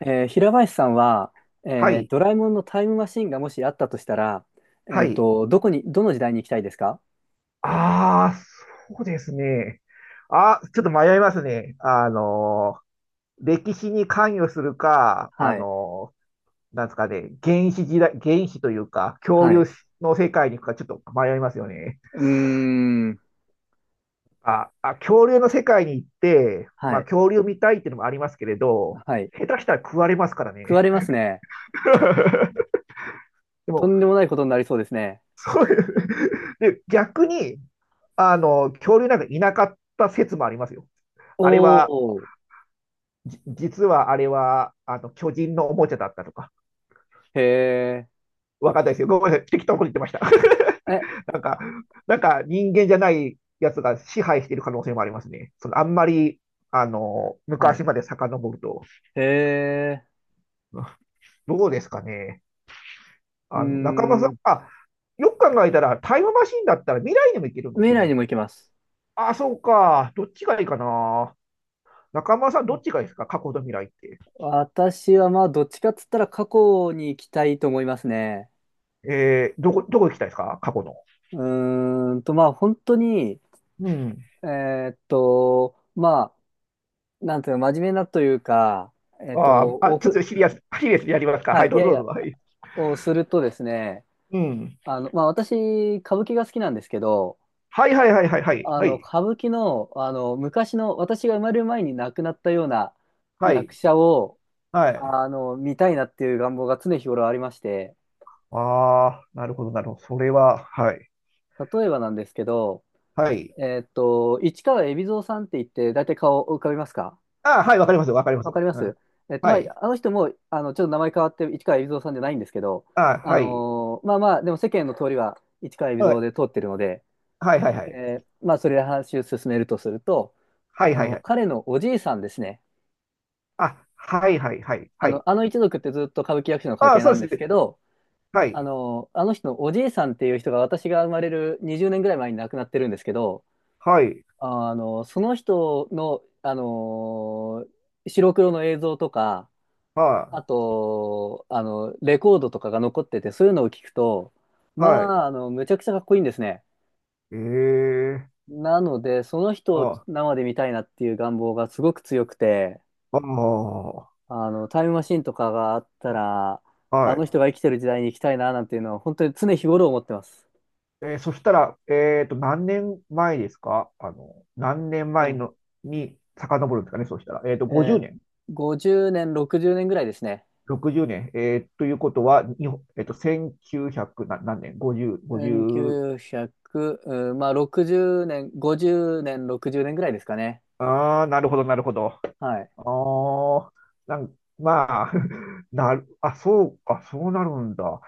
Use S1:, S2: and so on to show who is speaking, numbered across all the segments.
S1: 平林さんは、
S2: はい、
S1: ドラえもんのタイムマシンがもしあったとしたら、
S2: はい。
S1: どこに、どの時代に行きたいですか？
S2: ああ、そうですね。あ、ちょっと迷いますね。歴史に関与するか、
S1: はい。
S2: なんですかね、原始時代、原始というか、恐
S1: は
S2: 竜
S1: い。
S2: の世界に行くか、ちょっと迷いますよね。
S1: うーん。
S2: あ、あ、恐竜の世界に行って、
S1: は
S2: まあ、
S1: い。
S2: 恐竜見たいっていうのもありますけれど、
S1: はい。
S2: 下手したら食われますから
S1: 食わ
S2: ね。
S1: れますね。
S2: で
S1: と
S2: も、
S1: んでもないことになりそうですね。
S2: そういうで、逆に、恐竜なんかいなかった説もありますよ。あれは、
S1: おー。
S2: 実はあれは、あの、巨人のおもちゃだったとか、
S1: へえ。
S2: わかんないですよ。ごめんなさい。適当に言ってました。
S1: え、
S2: なんか、なんか人間じゃないやつが支配している可能性もありますね。その、あんまり、
S1: はい。
S2: 昔まで遡ると。
S1: へえ。
S2: どうですかね。
S1: うー
S2: 中村さん、
S1: ん。
S2: あ、よく考えたら、タイムマシンだったら未来にも行けるんです
S1: 未
S2: よ
S1: 来に
S2: ね。
S1: も行けます。
S2: あ、そうか。どっちがいいかな。中村さん、どっちがいいですか過去と未来って。
S1: 私はまあ、どっちかっつったら過去に行きたいと思いますね。
S2: どこ行きたいですか過去の。
S1: うまあ、本当に、
S2: うん。
S1: えまあ、なんていうの真面目なというか、えっと、
S2: あーあ、
S1: お
S2: ちょっ
S1: く、
S2: とシリアスにやりますか。
S1: は
S2: はい、
S1: い、い
S2: どう
S1: や
S2: ぞ
S1: い
S2: ど
S1: や、
S2: うぞ。はい。
S1: をするとですね、
S2: うん。
S1: まあ、私、歌舞伎が好きなんですけど、
S2: はいはいはいはいはい。はい。
S1: 歌舞伎の、昔の、私が生まれる前に亡くなったような
S2: は
S1: 役
S2: い。
S1: 者を、
S2: はい。
S1: 見たいなっていう願望が常日頃ありまして、
S2: ああ、なるほどなるほど。それは、はい。
S1: 例えばなんですけど、
S2: はい。
S1: 市川海老蔵さんって言って、大体顔を浮かびますか？
S2: ああ、はい、わかりますわかりま
S1: わ
S2: す。
S1: かりま
S2: うん。
S1: す。
S2: は
S1: ま
S2: い。
S1: あ、あの人も、ちょっと名前変わって、市川海老蔵さんじゃないんですけど、
S2: ああ、はい。
S1: まあまあ、でも世間の通りは市川海
S2: は
S1: 老
S2: い。
S1: 蔵で通ってるので、
S2: はいはいはい。
S1: えまあ、それで話を進めるとすると、
S2: はいはいはい。
S1: 彼のおじいさんですね。
S2: あ、はいはいはい
S1: あ
S2: はい。
S1: のあの一族ってずっと歌舞伎役者の家
S2: ああ、
S1: 系
S2: そ
S1: な
S2: うで
S1: んで
S2: す
S1: すけ
S2: ね。
S1: ど、
S2: は
S1: あ
S2: い。
S1: の、あの人のおじいさんっていう人が私が生まれる20年ぐらい前に亡くなってるんですけど、
S2: はい。
S1: その人の、白黒の映像とか、
S2: は
S1: あ
S2: い。
S1: と、レコードとかが残ってて、そういうのを聞くと、
S2: は
S1: ま
S2: い。
S1: あ、むちゃくちゃかっこいいんですね。
S2: ええ。
S1: なので、その人
S2: あ
S1: を
S2: あ。
S1: 生で見たいなっていう願望がすごく強くて、
S2: ああ。
S1: タイムマシンとかがあったら、あ
S2: は
S1: の
S2: い。
S1: 人が生きてる時代に行きたいな、なんていうのは、本当に常日頃思ってます。
S2: そしたら、何年前ですか何年
S1: う
S2: 前
S1: ん。
S2: のに遡るんですかね、そうしたら。
S1: え
S2: 50
S1: ー
S2: 年、
S1: 50年、60年ぐらいですね。
S2: 60年、ということは、日本1900な何年？ 50、
S1: うん、9
S2: 50、
S1: 0うひゃくうん、まあ、60年、50年、60年ぐらいですかね。
S2: ああなるほど、なるほど。
S1: はい。
S2: ああなんまあ、あ、そうか、そうなるんだ。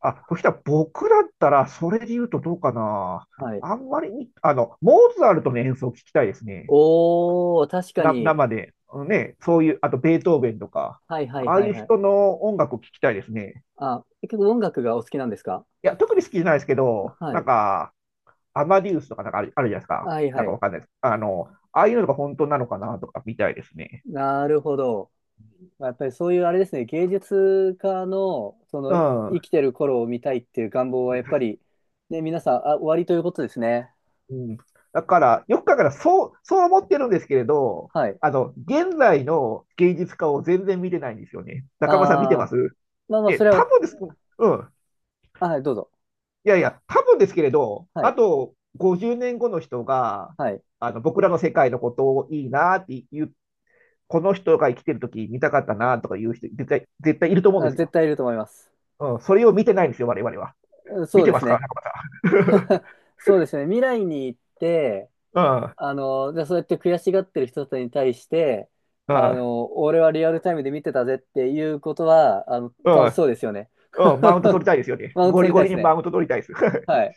S2: あ、そしたら僕だったら、それで言うとどうかな。
S1: はい。
S2: あんまりに、モーツァルトの演奏を聞きたいですね。
S1: おー、確かに、
S2: 生で、ね、そういう、あとベートーベンとか、
S1: はいはい
S2: ああ
S1: は
S2: い
S1: い
S2: う
S1: はい。
S2: 人の音楽を聴きたいですね。
S1: あ、結構音楽がお好きなんですか？
S2: いや、特に好きじゃないですけど、
S1: は
S2: なん
S1: い。
S2: か、アマディウスとかなんかあるじゃないですか。
S1: はい
S2: なん
S1: は
S2: か
S1: い。
S2: わかんないです。ああいうのが本当なのかなとか見たいですね。
S1: なるほど。やっぱりそういうあれですね、芸術家の、そ
S2: う
S1: の、生
S2: ん。
S1: きてる頃を見たいっていう願望はやっぱり、ね、皆さん、あ、おありということですね。
S2: うん、だから、よく考えたら、そう思ってるんですけれど、
S1: はい。
S2: 現在の芸術家を全然見てないんですよね。中村さん見てま
S1: あ
S2: す
S1: あ、まあまあ、
S2: ね、
S1: それ
S2: 多
S1: は、
S2: 分です。うん。
S1: あはい、どうぞ。
S2: いやいや、多分ですけれど、
S1: は
S2: あ
S1: い。
S2: と50年後の人が、
S1: はい。
S2: あの僕らの世界のことをいいなっていう、この人が生きてる時見たかったなとかいう人、絶対、絶対いると思うんで
S1: あ、
S2: す
S1: 絶
S2: よ。
S1: 対いると思います。
S2: うん、それを見てないんですよ、我々は。
S1: うん、
S2: 見
S1: そう
S2: て
S1: で
S2: ま
S1: す
S2: すか、
S1: ね。
S2: 中村
S1: そうですね。未来に行って、
S2: さん。うん、
S1: じゃあそうやって悔しがってる人たちに対して、
S2: うん、
S1: 俺はリアルタイムで見てたぜっていうことは、
S2: う
S1: 楽し
S2: ん。
S1: そうですよね。
S2: うん、マウント取りたいですよね。
S1: マウント
S2: ゴ
S1: 取
S2: リ
S1: りた
S2: ゴ
S1: いで
S2: リ
S1: す
S2: にマ
S1: ね。
S2: ウント取りたいです。
S1: はい。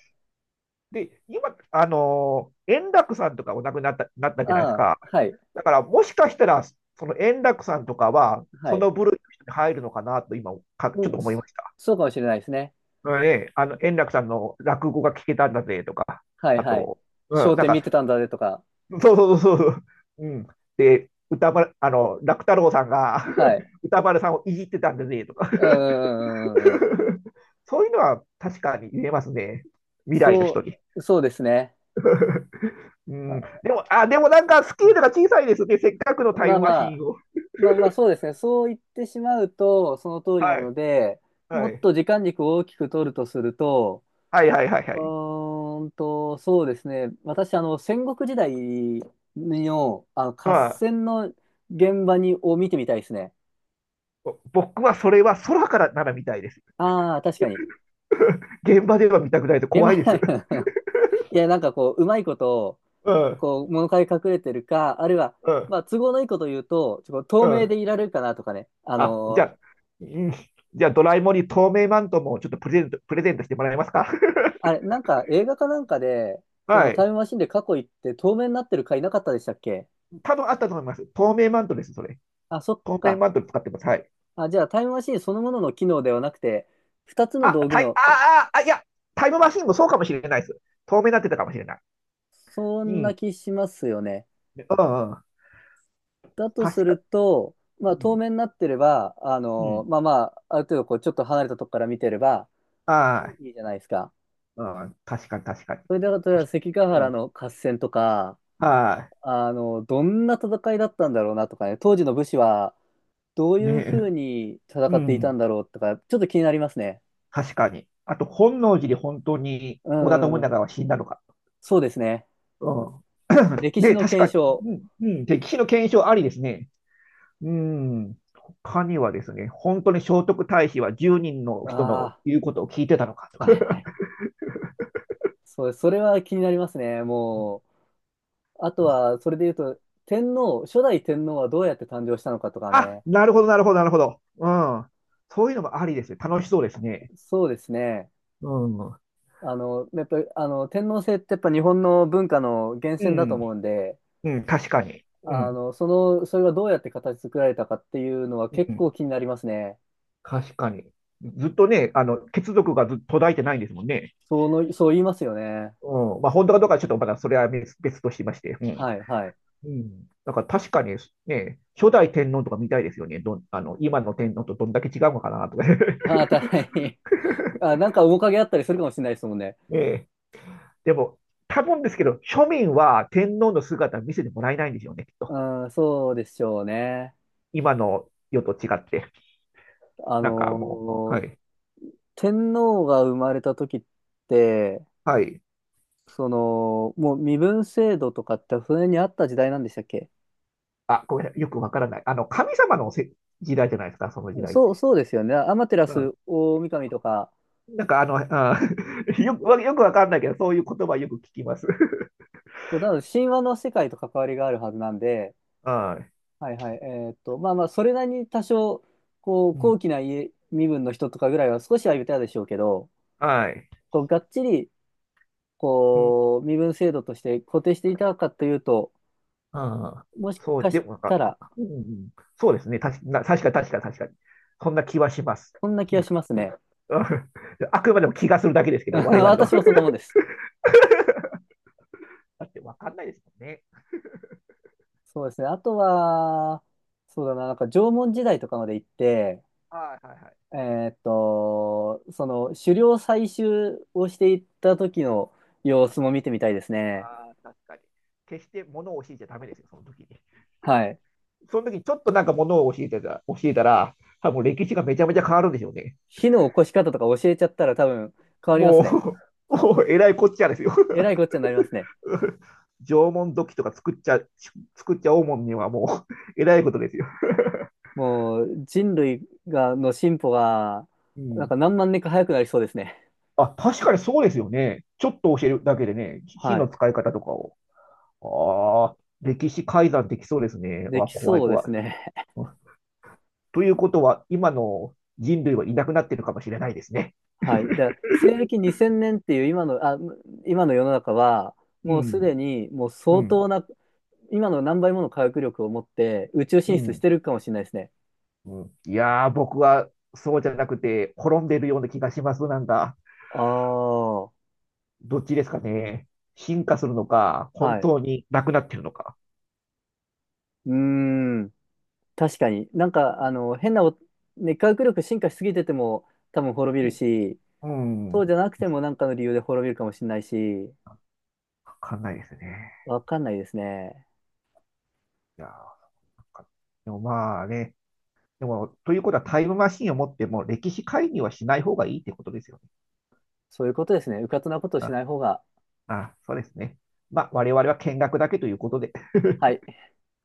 S2: で、今、円楽さんとかお亡くなった、なったじゃないです
S1: ああ、
S2: か。
S1: はい、
S2: だから、もしかしたら、その円楽さんとかは、
S1: は
S2: そ
S1: い。
S2: の部類の人に入るのかなと、ちょっ
S1: う
S2: と
S1: ん、
S2: 思い
S1: そ
S2: ました。
S1: そうかもしれないですね。
S2: うんね、あの、円楽さんの落語が聞けたんだぜとか、
S1: はい、
S2: あ
S1: はい。
S2: と、うん、
S1: 焦
S2: なん
S1: 点見て
S2: か、
S1: たんだぜとか。
S2: そうそうそうそう、うん。で、歌丸、あの、楽太郎さんが
S1: はい。
S2: 歌丸さんをいじってたんだぜとか
S1: うん、うん、うん、うんうん。
S2: そういうのは確かに言えますね。未来の人
S1: そ
S2: に。
S1: そうですね。
S2: う
S1: あ、
S2: ん、でも、あ、でもなんかスケールが小さいですね。せっかくのタイ
S1: まあ
S2: ムマ
S1: ま
S2: シ
S1: あ、
S2: ーンを。
S1: まあまあそうですね。そう言ってしまうと、その通りな
S2: は
S1: の
S2: い。
S1: で、も
S2: は
S1: っ
S2: い。
S1: と時間軸を大きく取るとすると、
S2: はいはいはいはい。
S1: そうですね。私、戦国時代の、合
S2: ま
S1: 戦の現場に、を見てみたいですね。
S2: 僕はそれは空からなら見たいです。
S1: ああ、確かに。
S2: 現場では見たくないと
S1: 現
S2: 怖
S1: 場、
S2: いです。
S1: いや、なんかこう、うまいこと、
S2: うん、
S1: こう、物陰隠れてるか、あるいは、
S2: うん、
S1: まあ、都合のいいこと言うと、ちょっ
S2: う
S1: と透明
S2: ん。
S1: でいられるかなとかね。
S2: あ、じゃあ、うん、じゃあドラえもんに透明マントもちょっとプレゼントしてもらえますか？
S1: あれ、なんか映画かなんかで、そ
S2: は
S1: のタイ
S2: い。
S1: ムマシンで過去行って透明になってる回なかったでしたっけ？
S2: 多分あったと思います。透明マントです、それ。
S1: あ、そっ
S2: 透明
S1: か。
S2: マント使ってます。はい。
S1: あ、じゃあタイムマシンそのものの機能ではなくて、二つの
S2: あ、
S1: 道具
S2: タイ、
S1: の、
S2: あ、あ、あ、いや、タイムマシンもそうかもしれないです。透明になってたかもしれない。
S1: そ
S2: う
S1: んな
S2: ん、
S1: 気しますよね。
S2: うん、うん。
S1: だとす
S2: 確
S1: る
S2: か、
S1: と、ま
S2: う
S1: あ透
S2: ん、
S1: 明になってれば、
S2: うん。
S1: まあまあ、ある程度こうちょっと離れたとこから見てれば
S2: はい。
S1: いいじゃないですか。
S2: うん、確かに、確かに。
S1: それで、例えば関ヶ
S2: う
S1: 原
S2: ん、
S1: の合戦とか、
S2: は
S1: どんな戦いだったんだろうなとかね、当時の武士はどう
S2: い。
S1: いう
S2: ね
S1: ふ
S2: え、
S1: うに戦
S2: う
S1: っていた
S2: ん。
S1: んだろうとか、ちょっと気になりますね。
S2: 確かに。あと、本能寺で本当に
S1: う
S2: 織田信
S1: んうん。
S2: 長は死んだのか。
S1: そうですね。
S2: うん。
S1: 歴史
S2: で、
S1: の検証。
S2: うんうん、歴史の検証ありですね。うん。他にはですね、本当に聖徳太子は1人の人の
S1: あ
S2: 言うことを聞いてたのかと
S1: あ、
S2: か。
S1: はいはい。そう、それは気になりますね。も う、あとは、それで言うと、初代天皇はどうやって誕生したのかとか
S2: あ、
S1: ね。
S2: なるほど、なるほど、なるほど。うん。そういうのもありですね。楽しそうですね。
S1: そうですね。
S2: うん。う
S1: やっぱり、天皇制ってやっぱ日本の文化の源泉だと思
S2: ん。
S1: うんで、
S2: うん、確かに。うん。
S1: それがどうやって形作られたかっていうのは
S2: う
S1: 結構
S2: ん。
S1: 気になりますね。
S2: 確かに。ずっとね、あの、血族がずっと途絶えてないんですもんね。
S1: そうの、そう言いますよね。
S2: うん。まあ、本当かどうかはちょっと、まだそれは別別としまして。うん。
S1: はいはい。
S2: うん。だから確かにね、初代天皇とか見たいですよね。どん、あの、今の天皇とどんだけ違うのかなとか。
S1: ああ、大変。あ、なんか面影あったりするかもしれないですもんね。
S2: ねえ。でも、多分ですけど、庶民は天皇の姿見せてもらえないんでしょうね、きっと。
S1: うん、そうでしょうね。
S2: 今の世と違って。
S1: あ
S2: なんかもう、
S1: の
S2: は
S1: ー
S2: い。
S1: 天皇が生まれた時って、
S2: はい。
S1: その、もう身分制度とかって船にあった時代なんでしたっけ？
S2: あ、ごめんなさい。よくわからない。あの、神様の時代じゃないですか、その時代っ
S1: そう、
S2: て。
S1: そうですよね。アマテラ
S2: う
S1: ス
S2: ん。
S1: 大神とか、
S2: なんかあの、あ よく、よくわかんないけど、そういう言葉よく聞きます。
S1: そうなので神話の世界と関わりがあるはずなんで、
S2: は
S1: はいはい、まあまあ、それなりに多少、こう、
S2: い。うん。
S1: 高貴な家身分の人とかぐらいは少しは言ったでしょうけど、
S2: はい。
S1: こう、がっちり、
S2: うん。
S1: こう、身分制度として固定していたかというと、
S2: ああ、
S1: もし
S2: そう、
S1: か
S2: で
S1: し
S2: もなん
S1: た
S2: か、
S1: ら、
S2: うん、そうですね。たし、な、確かに確かに確かに。そんな気はします。
S1: そんな気
S2: う
S1: が
S2: ん。
S1: しますね。
S2: あくまでも気がするだけですけど、我々の。
S1: 私もそんなもんです。
S2: だってわかんないですもんね。
S1: そうですね。あとは、そうだな、なんか縄文時代とかまで行って、
S2: はいはいはい。
S1: えその狩猟採集をしていった時の様
S2: は
S1: 子
S2: い。
S1: も見てみたいですね。
S2: ああ、確かに。決して物を教えちゃダメですよ、その時に。
S1: はい。
S2: その時にちょっと物を教えたら、多分歴史がめちゃめちゃ変わるんでしょうね。
S1: 火の起こし方とか教えちゃったら多分変わりますね。
S2: もう、もうえらいこっちゃですよ。
S1: えらいこっちゃになりますね。
S2: 縄文土器とか作っちゃおうもんにはもう、えらいことですよ。
S1: もう人類が、の進歩が、
S2: う
S1: なんか
S2: ん
S1: 何万年か早くなりそうですね。
S2: あ、確かにそうですよね。ちょっと教えるだけでね、火
S1: は
S2: の
S1: い。
S2: 使い方とかを。ああ、歴史改ざんできそうですね。
S1: で
S2: わ、
S1: き
S2: 怖い
S1: そうで
S2: 怖
S1: す
S2: い。
S1: ね。
S2: うんということは、今の人類はいなくなってるかもしれないですね。
S1: はい。で、西暦2000年っていう今の世の中は、
S2: う
S1: もうす
S2: ん、
S1: でにもう
S2: う
S1: 相
S2: ん、
S1: 当な、今の何倍もの科学力を持って宇宙
S2: う
S1: 進出し
S2: ん、
S1: てるかもしれないですね。
S2: うん。いやー、僕はそうじゃなくて、滅んでるような気がします。なんか、
S1: ああ、は
S2: どっちですかね。進化するのか、本
S1: い。
S2: 当になくなってるのか。
S1: うーん。確かに。なんか、あの、変なお、ね、科学力進化しすぎてても多分滅びるし、
S2: うん、う
S1: そう
S2: ん
S1: じゃなくてもなんかの理由で滅びるかもしれないし、
S2: わかんないですね。
S1: わかんないですね。
S2: いやー、なんかでもまあね、でも、ということはタイムマシンを持っても歴史介入はしない方がいいってことですよね。
S1: そういうことですね。うかつなことをし
S2: あ、
S1: ない方が、
S2: あ、そうですね。まあ、我々は見学だけということで。
S1: は い。